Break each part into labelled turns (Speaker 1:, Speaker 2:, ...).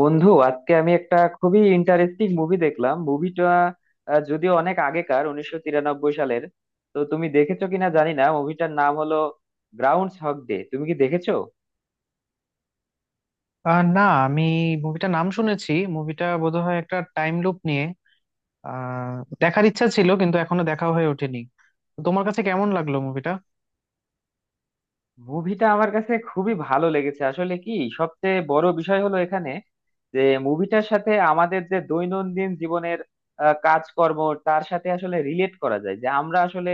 Speaker 1: বন্ধু, আজকে আমি একটা খুবই ইন্টারেস্টিং মুভি দেখলাম। মুভিটা যদিও অনেক আগেকার, 1993 সালের। তো তুমি দেখেছো কিনা জানি না। মুভিটার নাম হলো গ্রাউন্ডস হক ডে। তুমি কি দেখেছো?
Speaker 2: না, আমি মুভিটা নাম শুনেছি। মুভিটা বোধহয় একটা টাইম লুপ নিয়ে। আহ দেখার ইচ্ছা ছিল কিন্তু এখনো দেখা হয়ে ওঠেনি। তো তোমার কাছে কেমন লাগলো মুভিটা?
Speaker 1: মুভিটা আমার কাছে খুবই ভালো লেগেছে। আসলে কি, সবচেয়ে বড় বিষয় হলো এখানে যে মুভিটার সাথে আমাদের যে দৈনন্দিন জীবনের কাজকর্ম, তার সাথে আসলে রিলেট করা যায়, যে আমরা আসলে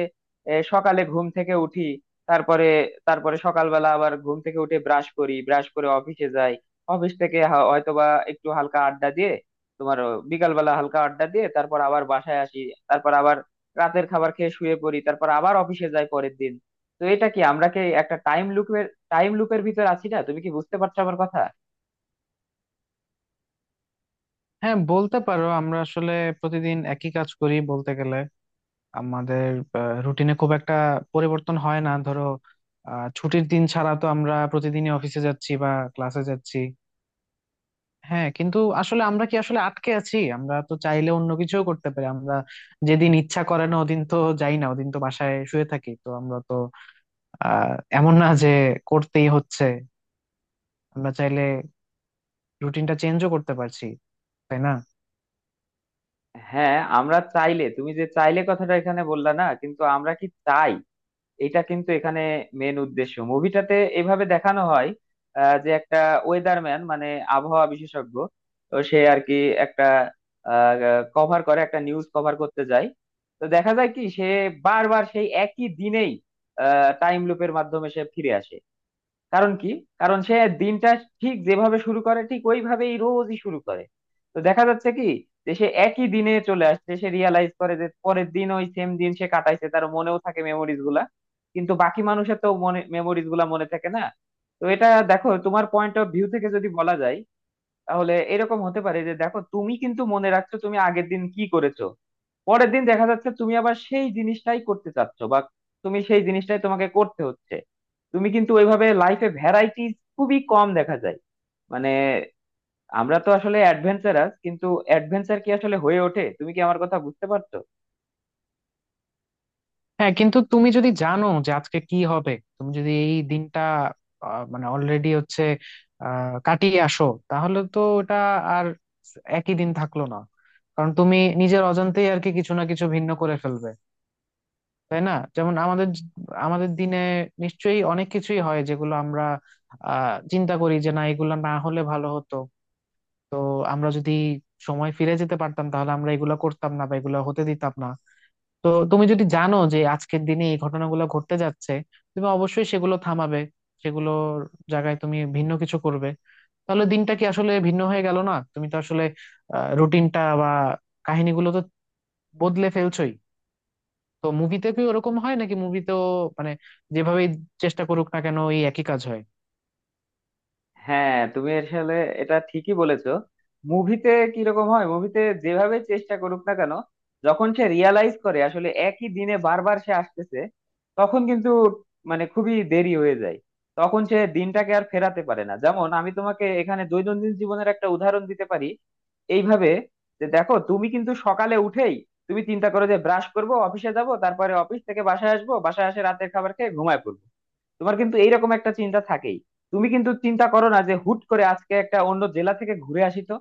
Speaker 1: সকালে ঘুম থেকে উঠি, তারপরে তারপরে সকালবেলা আবার ঘুম থেকে উঠে ব্রাশ করি, ব্রাশ করে অফিসে যাই। অফিস থেকে হয়তোবা একটু হালকা আড্ডা দিয়ে, তোমার বিকালবেলা হালকা আড্ডা দিয়ে তারপর আবার বাসায় আসি। তারপর আবার রাতের খাবার খেয়ে শুয়ে পড়ি, তারপর আবার অফিসে যাই পরের দিন। তো এটা কি, আমরা কি একটা টাইম লুপের ভিতর আছি না? তুমি কি বুঝতে পারছো আমার কথা?
Speaker 2: হ্যাঁ, বলতে পারো আমরা আসলে প্রতিদিন একই কাজ করি বলতে গেলে। আমাদের রুটিনে খুব একটা পরিবর্তন হয় না ধরো। ছুটির দিন ছাড়া তো আমরা প্রতিদিনই অফিসে যাচ্ছি বা ক্লাসে যাচ্ছি। হ্যাঁ, কিন্তু আসলে আমরা কি আসলে আটকে আছি? আমরা তো চাইলে অন্য কিছুও করতে পারি। আমরা যেদিন ইচ্ছা করে না ওদিন তো যাই না, ওদিন তো বাসায় শুয়ে থাকি। তো আমরা তো আহ এমন না যে করতেই হচ্ছে। আমরা চাইলে রুটিনটা চেঞ্জও করতে পারছি, তাই না?
Speaker 1: হ্যাঁ, আমরা চাইলে। তুমি যে চাইলে কথাটা এখানে বললা না, কিন্তু আমরা কি চাই, এটা কিন্তু এখানে মেন উদ্দেশ্য। মুভিটাতে এভাবে দেখানো হয়, যে একটা ওয়েদারম্যান, মানে আবহাওয়া বিশেষজ্ঞ। তো সে আর কি একটা কভার করে, একটা নিউজ কভার করতে যায়। তো দেখা যায় কি, সে বারবার সেই একই দিনেই টাইম লুপের মাধ্যমে সে ফিরে আসে। কারণ কি? কারণ সে দিনটা ঠিক যেভাবে শুরু করে, ঠিক ওইভাবেই রোজই শুরু করে। তো দেখা যাচ্ছে কি, যে সে একই দিনে চলে আসছে, সে রিয়ালাইজ করে যে পরের দিন ওই সেম দিন সে কাটাইছে, তার মনেও থাকে মেমোরিজ গুলা। কিন্তু বাকি মানুষের তো মনে মেমোরিজ গুলা মনে থাকে না। তো এটা দেখো, তোমার পয়েন্ট অফ ভিউ থেকে যদি বলা যায়, তাহলে এরকম হতে পারে যে দেখো, তুমি কিন্তু মনে রাখছো তুমি আগের দিন কি করেছো। পরের দিন দেখা যাচ্ছে তুমি আবার সেই জিনিসটাই করতে চাচ্ছ, বা তুমি সেই জিনিসটাই তোমাকে করতে হচ্ছে। তুমি কিন্তু ওইভাবে লাইফে ভ্যারাইটিস খুবই কম দেখা যায়। মানে আমরা তো আসলে অ্যাডভেঞ্চারাস, কিন্তু অ্যাডভেঞ্চার কি আসলে হয়ে ওঠে? তুমি কি আমার কথা বুঝতে পারছো?
Speaker 2: হ্যাঁ, কিন্তু তুমি যদি জানো যে আজকে কি হবে, তুমি যদি এই দিনটা মানে অলরেডি হচ্ছে কাটিয়ে আসো, তাহলে তো এটা আর একই দিন থাকলো না। কারণ তুমি নিজের অজান্তেই আর কি কিছু না কিছু ভিন্ন করে ফেলবে, তাই না? যেমন আমাদের আমাদের দিনে নিশ্চয়ই অনেক কিছুই হয় যেগুলো আমরা চিন্তা করি যে না, এগুলো না হলে ভালো হতো। তো আমরা যদি সময় ফিরে যেতে পারতাম তাহলে আমরা এগুলো করতাম না বা এগুলো হতে দিতাম না। তো তুমি যদি জানো যে আজকের দিনে এই ঘটনাগুলো ঘটতে যাচ্ছে, তুমি অবশ্যই সেগুলো থামাবে। সেগুলোর জায়গায় তুমি ভিন্ন কিছু করবে। তাহলে দিনটা কি আসলে ভিন্ন হয়ে গেল না? তুমি তো আসলে রুটিনটা বা কাহিনীগুলো তো বদলে ফেলছোই। তো মুভিতে কি ওরকম হয় নাকি? মুভিতেও মানে যেভাবেই চেষ্টা করুক না কেন ওই একই কাজ হয়?
Speaker 1: হ্যাঁ, তুমি আসলে এটা ঠিকই বলেছো। মুভিতে কিরকম হয়, মুভিতে যেভাবে চেষ্টা করুক না কেন, যখন সে রিয়ালাইজ করে আসলে একই দিনে বারবার সে আসতেছে, তখন কিন্তু মানে খুবই দেরি হয়ে যায়। তখন সে দিনটাকে আর ফেরাতে পারে না। যেমন আমি তোমাকে এখানে দৈনন্দিন জীবনের একটা উদাহরণ দিতে পারি এইভাবে, যে দেখো, তুমি কিন্তু সকালে উঠেই তুমি চিন্তা করো যে ব্রাশ করব, অফিসে যাব, তারপরে অফিস থেকে বাসায় আসবো, বাসায় এসে রাতের খাবার খেয়ে ঘুমায় পড়বো। তোমার কিন্তু এইরকম একটা চিন্তা থাকেই। তুমি কিন্তু চিন্তা করো না যে হুট করে আজকে একটা অন্য জেলা থেকে ঘুরে আসি। তো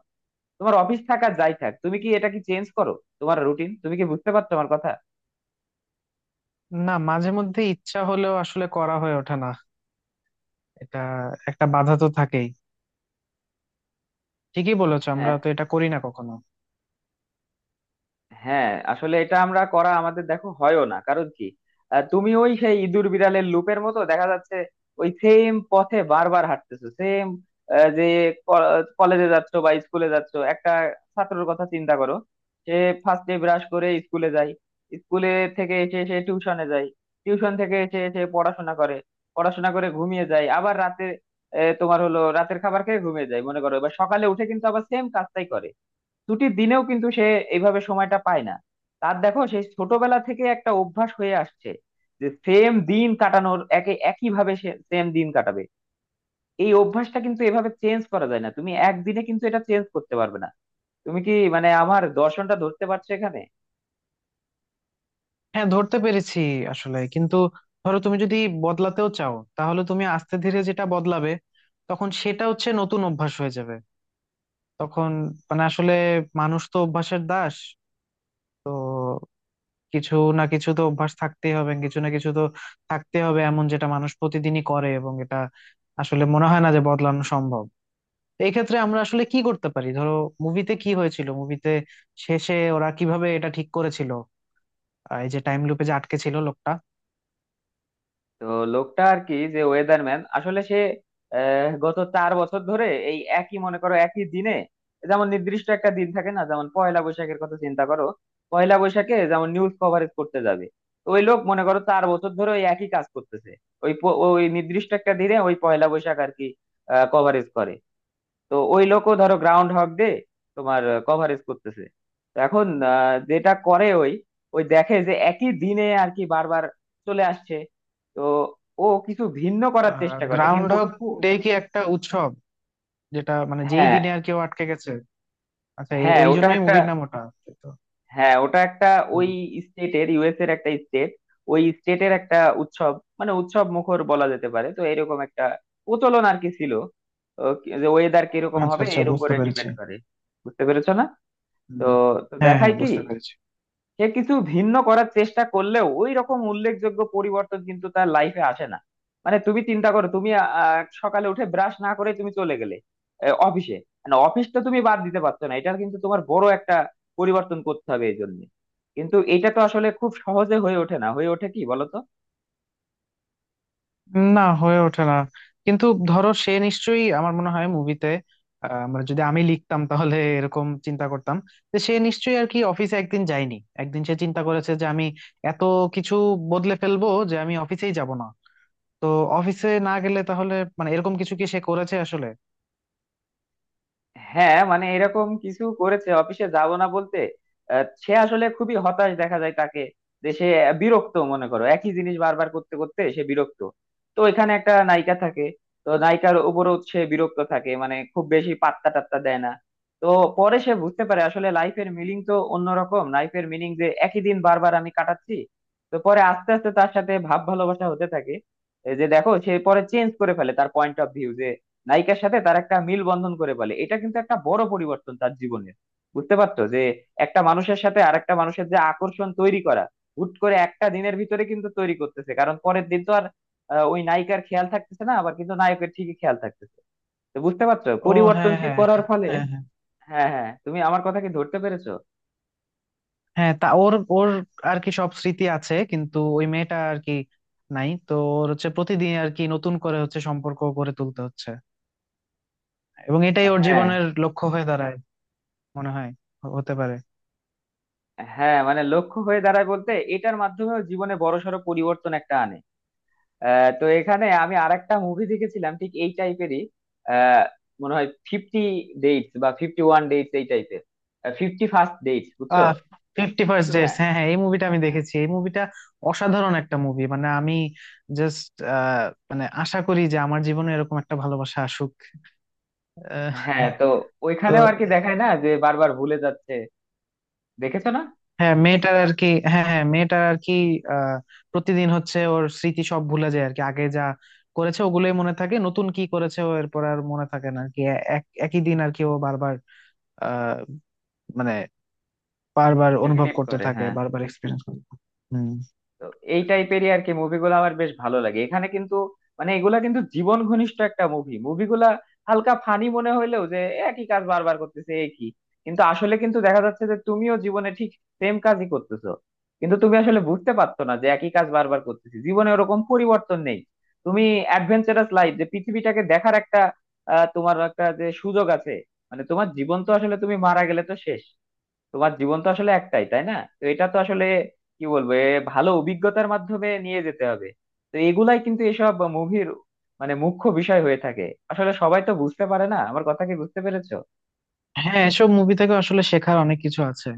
Speaker 1: তোমার অফিস থাকা যাই থাক, তুমি কি এটা কি চেঞ্জ করো তোমার রুটিন? তুমি কি বুঝতে পারছো আমার কথা?
Speaker 2: না, মাঝে মধ্যে ইচ্ছা হলেও আসলে করা হয়ে ওঠে না। এটা একটা বাধা তো থাকেই। ঠিকই বলেছো, আমরা
Speaker 1: হ্যাঁ,
Speaker 2: তো এটা করি না কখনো।
Speaker 1: হ্যাঁ, আসলে এটা আমরা করা আমাদের দেখো হয়ও না। কারণ কি, তুমি ওই সেই ইঁদুর বিড়ালের লুপের মতো দেখা যাচ্ছে। ওই সেম পথে বারবার হাঁটতেছো, সেম, যে কলেজে যাচ্ছ বা স্কুলে যাচ্ছ। একটা ছাত্রের কথা চিন্তা করো। সে ফার্স্টে ব্রাশ করে স্কুলে যায়, স্কুলে থেকে এসে সে টিউশনে যায়, টিউশন থেকে এসে সে পড়াশোনা করে, পড়াশোনা করে ঘুমিয়ে যায় আবার রাতে। তোমার হলো রাতের খাবার খেয়ে ঘুমিয়ে যায় মনে করো, এবার সকালে উঠে কিন্তু আবার সেম কাজটাই করে। ছুটির দিনেও কিন্তু সে এইভাবে সময়টা পায় না। তার দেখো, সেই ছোটবেলা থেকে একটা অভ্যাস হয়ে আসছে, যে সেম দিন কাটানোর, একে একই ভাবে সে সেম দিন কাটাবে। এই অভ্যাসটা কিন্তু এভাবে চেঞ্জ করা যায় না, তুমি একদিনে কিন্তু এটা চেঞ্জ করতে পারবে না। তুমি কি মানে আমার দর্শনটা ধরতে পারছো এখানে?
Speaker 2: হ্যাঁ, ধরতে পেরেছি। আসলে কিন্তু ধরো তুমি যদি বদলাতেও চাও তাহলে তুমি আস্তে ধীরে যেটা বদলাবে, তখন সেটা হচ্ছে নতুন অভ্যাস হয়ে যাবে। তখন মানে আসলে মানুষ তো অভ্যাসের দাস। তো কিছু না কিছু তো অভ্যাস থাকতেই হবে, কিছু না কিছু তো থাকতে হবে এমন যেটা মানুষ প্রতিদিনই করে, এবং এটা আসলে মনে হয় না যে বদলানো সম্ভব। তো এই ক্ষেত্রে আমরা আসলে কি করতে পারি ধরো? মুভিতে কি হয়েছিল? মুভিতে শেষে ওরা কিভাবে এটা ঠিক করেছিল, এই যে টাইম লুপে যে আটকে ছিল লোকটা?
Speaker 1: তো লোকটা আর কি, যে ওয়েদারম্যান, আসলে সে গত 4 বছর ধরে এই একই মনে করো একই দিনে। যেমন নির্দিষ্ট একটা দিন থাকে না, যেমন পয়লা বৈশাখের কথা চিন্তা করো। পয়লা বৈশাখে যেমন নিউজ কভারেজ করতে যাবে। তো ওই লোক মনে করো 4 বছর ধরে ওই একই কাজ করতেছে, ওই নির্দিষ্ট একটা দিনে ওই পয়লা বৈশাখ আর কি কভারেজ করে। তো ওই লোকও ধরো গ্রাউন্ড হগ দিয়ে তোমার কভারেজ করতেছে। তো এখন যেটা করে ওই, ওই দেখে যে একই দিনে আর কি বারবার চলে আসছে। তো ও কিছু ভিন্ন করার চেষ্টা করে,
Speaker 2: গ্রাউন্ড
Speaker 1: কিন্তু
Speaker 2: হগ
Speaker 1: খু-
Speaker 2: ডে কি একটা উৎসব যেটা মানে যেই
Speaker 1: হ্যাঁ।
Speaker 2: দিনে আর কেউ আটকে গেছে? আচ্ছা, এই
Speaker 1: হ্যাঁ,
Speaker 2: ওই
Speaker 1: ওটা
Speaker 2: জন্যই
Speaker 1: একটা।
Speaker 2: মুভির নাম ওটা। তো,
Speaker 1: হ্যাঁ, ওটা একটা
Speaker 2: হুম।
Speaker 1: ওই স্টেটের, ইউএস এর একটা স্টেট, ওই স্টেটের একটা উৎসব, মানে উৎসব মুখর বলা যেতে পারে। তো এরকম একটা প্রচলন আর কি ছিল। তো যে ওয়েদার কিরকম
Speaker 2: আচ্ছা
Speaker 1: হবে
Speaker 2: আচ্ছা,
Speaker 1: এর
Speaker 2: বুঝতে
Speaker 1: উপরে
Speaker 2: পেরেছি।
Speaker 1: ডিপেন্ড করে। বুঝতে পেরেছো না? তো
Speaker 2: হুম।
Speaker 1: তো
Speaker 2: হ্যাঁ হ্যাঁ,
Speaker 1: দেখায় কি,
Speaker 2: বুঝতে পেরেছি।
Speaker 1: সে কিছু ভিন্ন করার চেষ্টা করলেও ওই রকম উল্লেখযোগ্য পরিবর্তন কিন্তু তার লাইফে আসে না। মানে তুমি চিন্তা করো, তুমি সকালে উঠে ব্রাশ না করে তুমি চলে গেলে অফিসে। মানে অফিসটা তুমি বাদ দিতে পারছো না, এটার কিন্তু তোমার বড় একটা পরিবর্তন করতে হবে এই জন্য। কিন্তু এটা তো আসলে খুব সহজে হয়ে ওঠে না, হয়ে ওঠে কি বলতো?
Speaker 2: না, হয়ে ওঠে না। কিন্তু ধরো সে নিশ্চয়ই, আমার মনে হয় মুভিতে, আমরা যদি, আমি লিখতাম তাহলে এরকম চিন্তা করতাম যে সে নিশ্চয়ই আর কি অফিসে একদিন যায়নি। একদিন সে চিন্তা করেছে যে আমি এত কিছু বদলে ফেলবো যে আমি অফিসেই যাব না। তো অফিসে না গেলে তাহলে মানে এরকম কিছু কি সে করেছে আসলে?
Speaker 1: হ্যাঁ, মানে এরকম কিছু করেছে, অফিসে যাব না বলতে সে আসলে খুবই হতাশ দেখা যায় তাকে। যে সে বিরক্ত, মনে করো একই জিনিস বারবার করতে করতে সে বিরক্ত। তো এখানে একটা নায়িকা থাকে, তো নায়িকার উপরও সে বিরক্ত থাকে, মানে খুব বেশি পাত্তা টাত্তা দেয় না। তো পরে সে বুঝতে পারে আসলে লাইফের মিনিং তো অন্যরকম, লাইফের মিনিং যে একই দিন বারবার আমি কাটাচ্ছি। তো পরে আস্তে আস্তে তার সাথে ভাব ভালোবাসা হতে থাকে। এই যে দেখো, সে পরে চেঞ্জ করে ফেলে তার পয়েন্ট অফ ভিউ। নায়িকার সাথে তার একটা মিল বন্ধন করে ফেলে, এটা কিন্তু একটা বড় পরিবর্তন তার জীবনে। বুঝতে পারতো যে একটা মানুষের সাথে আরেকটা মানুষের যে আকর্ষণ তৈরি করা, হুট করে একটা দিনের ভিতরে কিন্তু তৈরি করতেছে, কারণ পরের দিন তো আর ওই নায়িকার খেয়াল থাকতেছে না, আবার কিন্তু নায়কের ঠিকই খেয়াল থাকতেছে। তো বুঝতে পারছো
Speaker 2: ও, হ্যাঁ
Speaker 1: পরিবর্তনশীল
Speaker 2: হ্যাঁ।
Speaker 1: করার ফলে?
Speaker 2: হ্যাঁ হ্যাঁ।
Speaker 1: হ্যাঁ, হ্যাঁ, তুমি আমার কথা কি ধরতে পেরেছো?
Speaker 2: হ্যাঁ, তা ওর ওর আর কি সব স্মৃতি আছে কিন্তু ওই মেয়েটা আর কি নাই। তো ওর হচ্ছে প্রতিদিন আর কি নতুন করে হচ্ছে সম্পর্ক গড়ে তুলতে হচ্ছে, এবং এটাই ওর
Speaker 1: হ্যাঁ,
Speaker 2: জীবনের লক্ষ্য হয়ে দাঁড়ায় মনে হয়। হতে পারে।
Speaker 1: হ্যাঁ, মানে লক্ষ্য হয়ে দাঁড়ায় বলতে এটার মাধ্যমেও জীবনে বড়সড় পরিবর্তন একটা আনে। তো এখানে আমি আরেকটা মুভি দেখেছিলাম ঠিক এই টাইপেরই। মনে হয় ফিফটি ডেটস, বা ফিফটি ওয়ান ডেটস এই টাইপের। ফিফটি ফার্স্ট ডেটস, বুঝছো?
Speaker 2: আহ ফিফটি ফার্স্ট
Speaker 1: হ্যাঁ,
Speaker 2: ডেটস, হ্যাঁ হ্যাঁ, এই মুভিটা আমি দেখেছি। এই মুভিটা অসাধারণ একটা মুভি। মানে আমি জাস্ট মানে আশা করি যে আমার জীবনে এরকম একটা ভালোবাসা আসুক। আহ,
Speaker 1: হ্যাঁ। তো
Speaker 2: তো
Speaker 1: ওইখানেও আর কি দেখায় না যে বারবার ভুলে যাচ্ছে, দেখেছো না?
Speaker 2: হ্যাঁ, মেয়েটার আর কি, হ্যাঁ হ্যাঁ, মেয়েটার আর কি আহ প্রতিদিন হচ্ছে ওর স্মৃতি সব ভুলে যায় আর কি। আগে যা করেছে ওগুলোই মনে থাকে, নতুন কি করেছে ও এরপর আর মনে থাকে না আর কি। একই দিন আর কি ও বারবার আহ মানে বারবার অনুভব
Speaker 1: রিলেট
Speaker 2: করতে
Speaker 1: করে,
Speaker 2: থাকে,
Speaker 1: হ্যাঁ।
Speaker 2: বারবার এক্সপিরিয়েন্স করতে থাকে। হুম।
Speaker 1: তো এই টাইপেরই আর কি মুভিগুলো আমার বেশ ভালো লাগে এখানে। কিন্তু মানে এগুলা কিন্তু জীবন ঘনিষ্ঠ একটা মুভি, মুভিগুলা হালকা ফানি মনে হইলেও, যে একই কাজ বারবার করতেছে একই, কিন্তু আসলে কিন্তু দেখা যাচ্ছে যে তুমিও জীবনে ঠিক সেম কাজই করতেছো। কিন্তু তুমি আসলে বুঝতে পারতো না যে একই কাজ বারবার করতেছি, জীবনে ওরকম পরিবর্তন নেই। তুমি অ্যাডভেঞ্চারাস লাইফ, যে পৃথিবীটাকে দেখার একটা তোমার একটা যে সুযোগ আছে। মানে তোমার জীবন তো আসলে তুমি মারা গেলে তো শেষ। তোমার জীবন তো আসলে একটাই, তাই না? তো এটা তো আসলে কি বলবো, এ ভালো অভিজ্ঞতার মাধ্যমে নিয়ে যেতে হবে। তো এগুলাই কিন্তু এসব মুভির মানে মুখ্য বিষয় হয়ে থাকে। আসলে সবাই তো বুঝতে পারে না, আমার কথা কি বুঝতে পেরেছো?
Speaker 2: হ্যাঁ, এসব মুভি থেকে আসলে শেখার অনেক কিছু আছে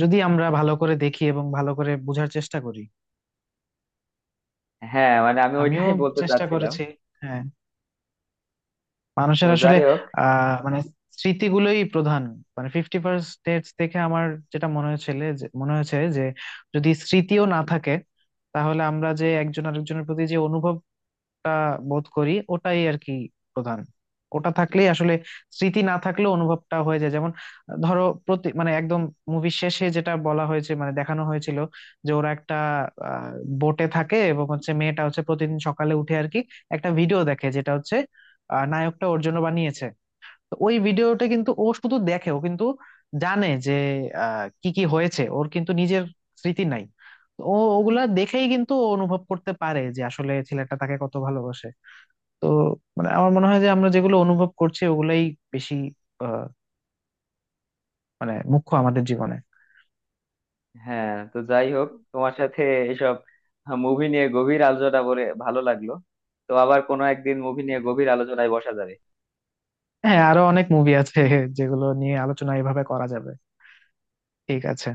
Speaker 2: যদি আমরা ভালো করে দেখি এবং ভালো করে বোঝার চেষ্টা করি।
Speaker 1: হ্যাঁ, মানে আমি
Speaker 2: আমিও
Speaker 1: ওইটাই বলতে
Speaker 2: চেষ্টা
Speaker 1: চাচ্ছিলাম।
Speaker 2: করেছি। হ্যাঁ,
Speaker 1: তো
Speaker 2: মানুষের আসলে
Speaker 1: যাই হোক,
Speaker 2: মানে স্মৃতিগুলোই প্রধান। মানে ফিফটি ফার্স্ট ডেটস দেখে আমার যেটা মনে হয়েছিল, যে মনে হয়েছে যে যদি স্মৃতিও না থাকে, তাহলে আমরা যে একজন আরেকজনের প্রতি যে অনুভব, একটা বোধ করি, ওটাই আর কি প্রধান। ওটা থাকলেই আসলে স্মৃতি না থাকলেও অনুভবটা হয়ে যায়। যেমন ধরো প্রতি মানে একদম মুভির শেষে যেটা বলা হয়েছে, মানে দেখানো হয়েছিল, যে ওরা একটা আহ, বোটে থাকে এবং হচ্ছে মেয়েটা হচ্ছে প্রতিদিন সকালে উঠে আর কি একটা ভিডিও দেখে যেটা হচ্ছে নায়কটা ওর জন্য বানিয়েছে। তো ওই ভিডিওটা কিন্তু ও শুধু দেখে, ও কিন্তু জানে যে কি কি হয়েছে। ওর কিন্তু নিজের স্মৃতি নাই। তো ও ওগুলা দেখেই কিন্তু ও অনুভব করতে পারে যে আসলে ছেলেটা তাকে কত ভালোবাসে। তো মানে আমার মনে হয় যে আমরা যেগুলো অনুভব করছি ওগুলাই বেশি আহ, মানে মুখ্য আমাদের জীবনে।
Speaker 1: হ্যাঁ, তো যাই হোক, তোমার সাথে এসব মুভি নিয়ে গভীর আলোচনা বলে ভালো লাগলো। তো আবার কোনো একদিন মুভি নিয়ে গভীর আলোচনায় বসা যাবে।
Speaker 2: হ্যাঁ, আরো অনেক মুভি আছে যেগুলো নিয়ে আলোচনা এভাবে করা যাবে। ঠিক আছে।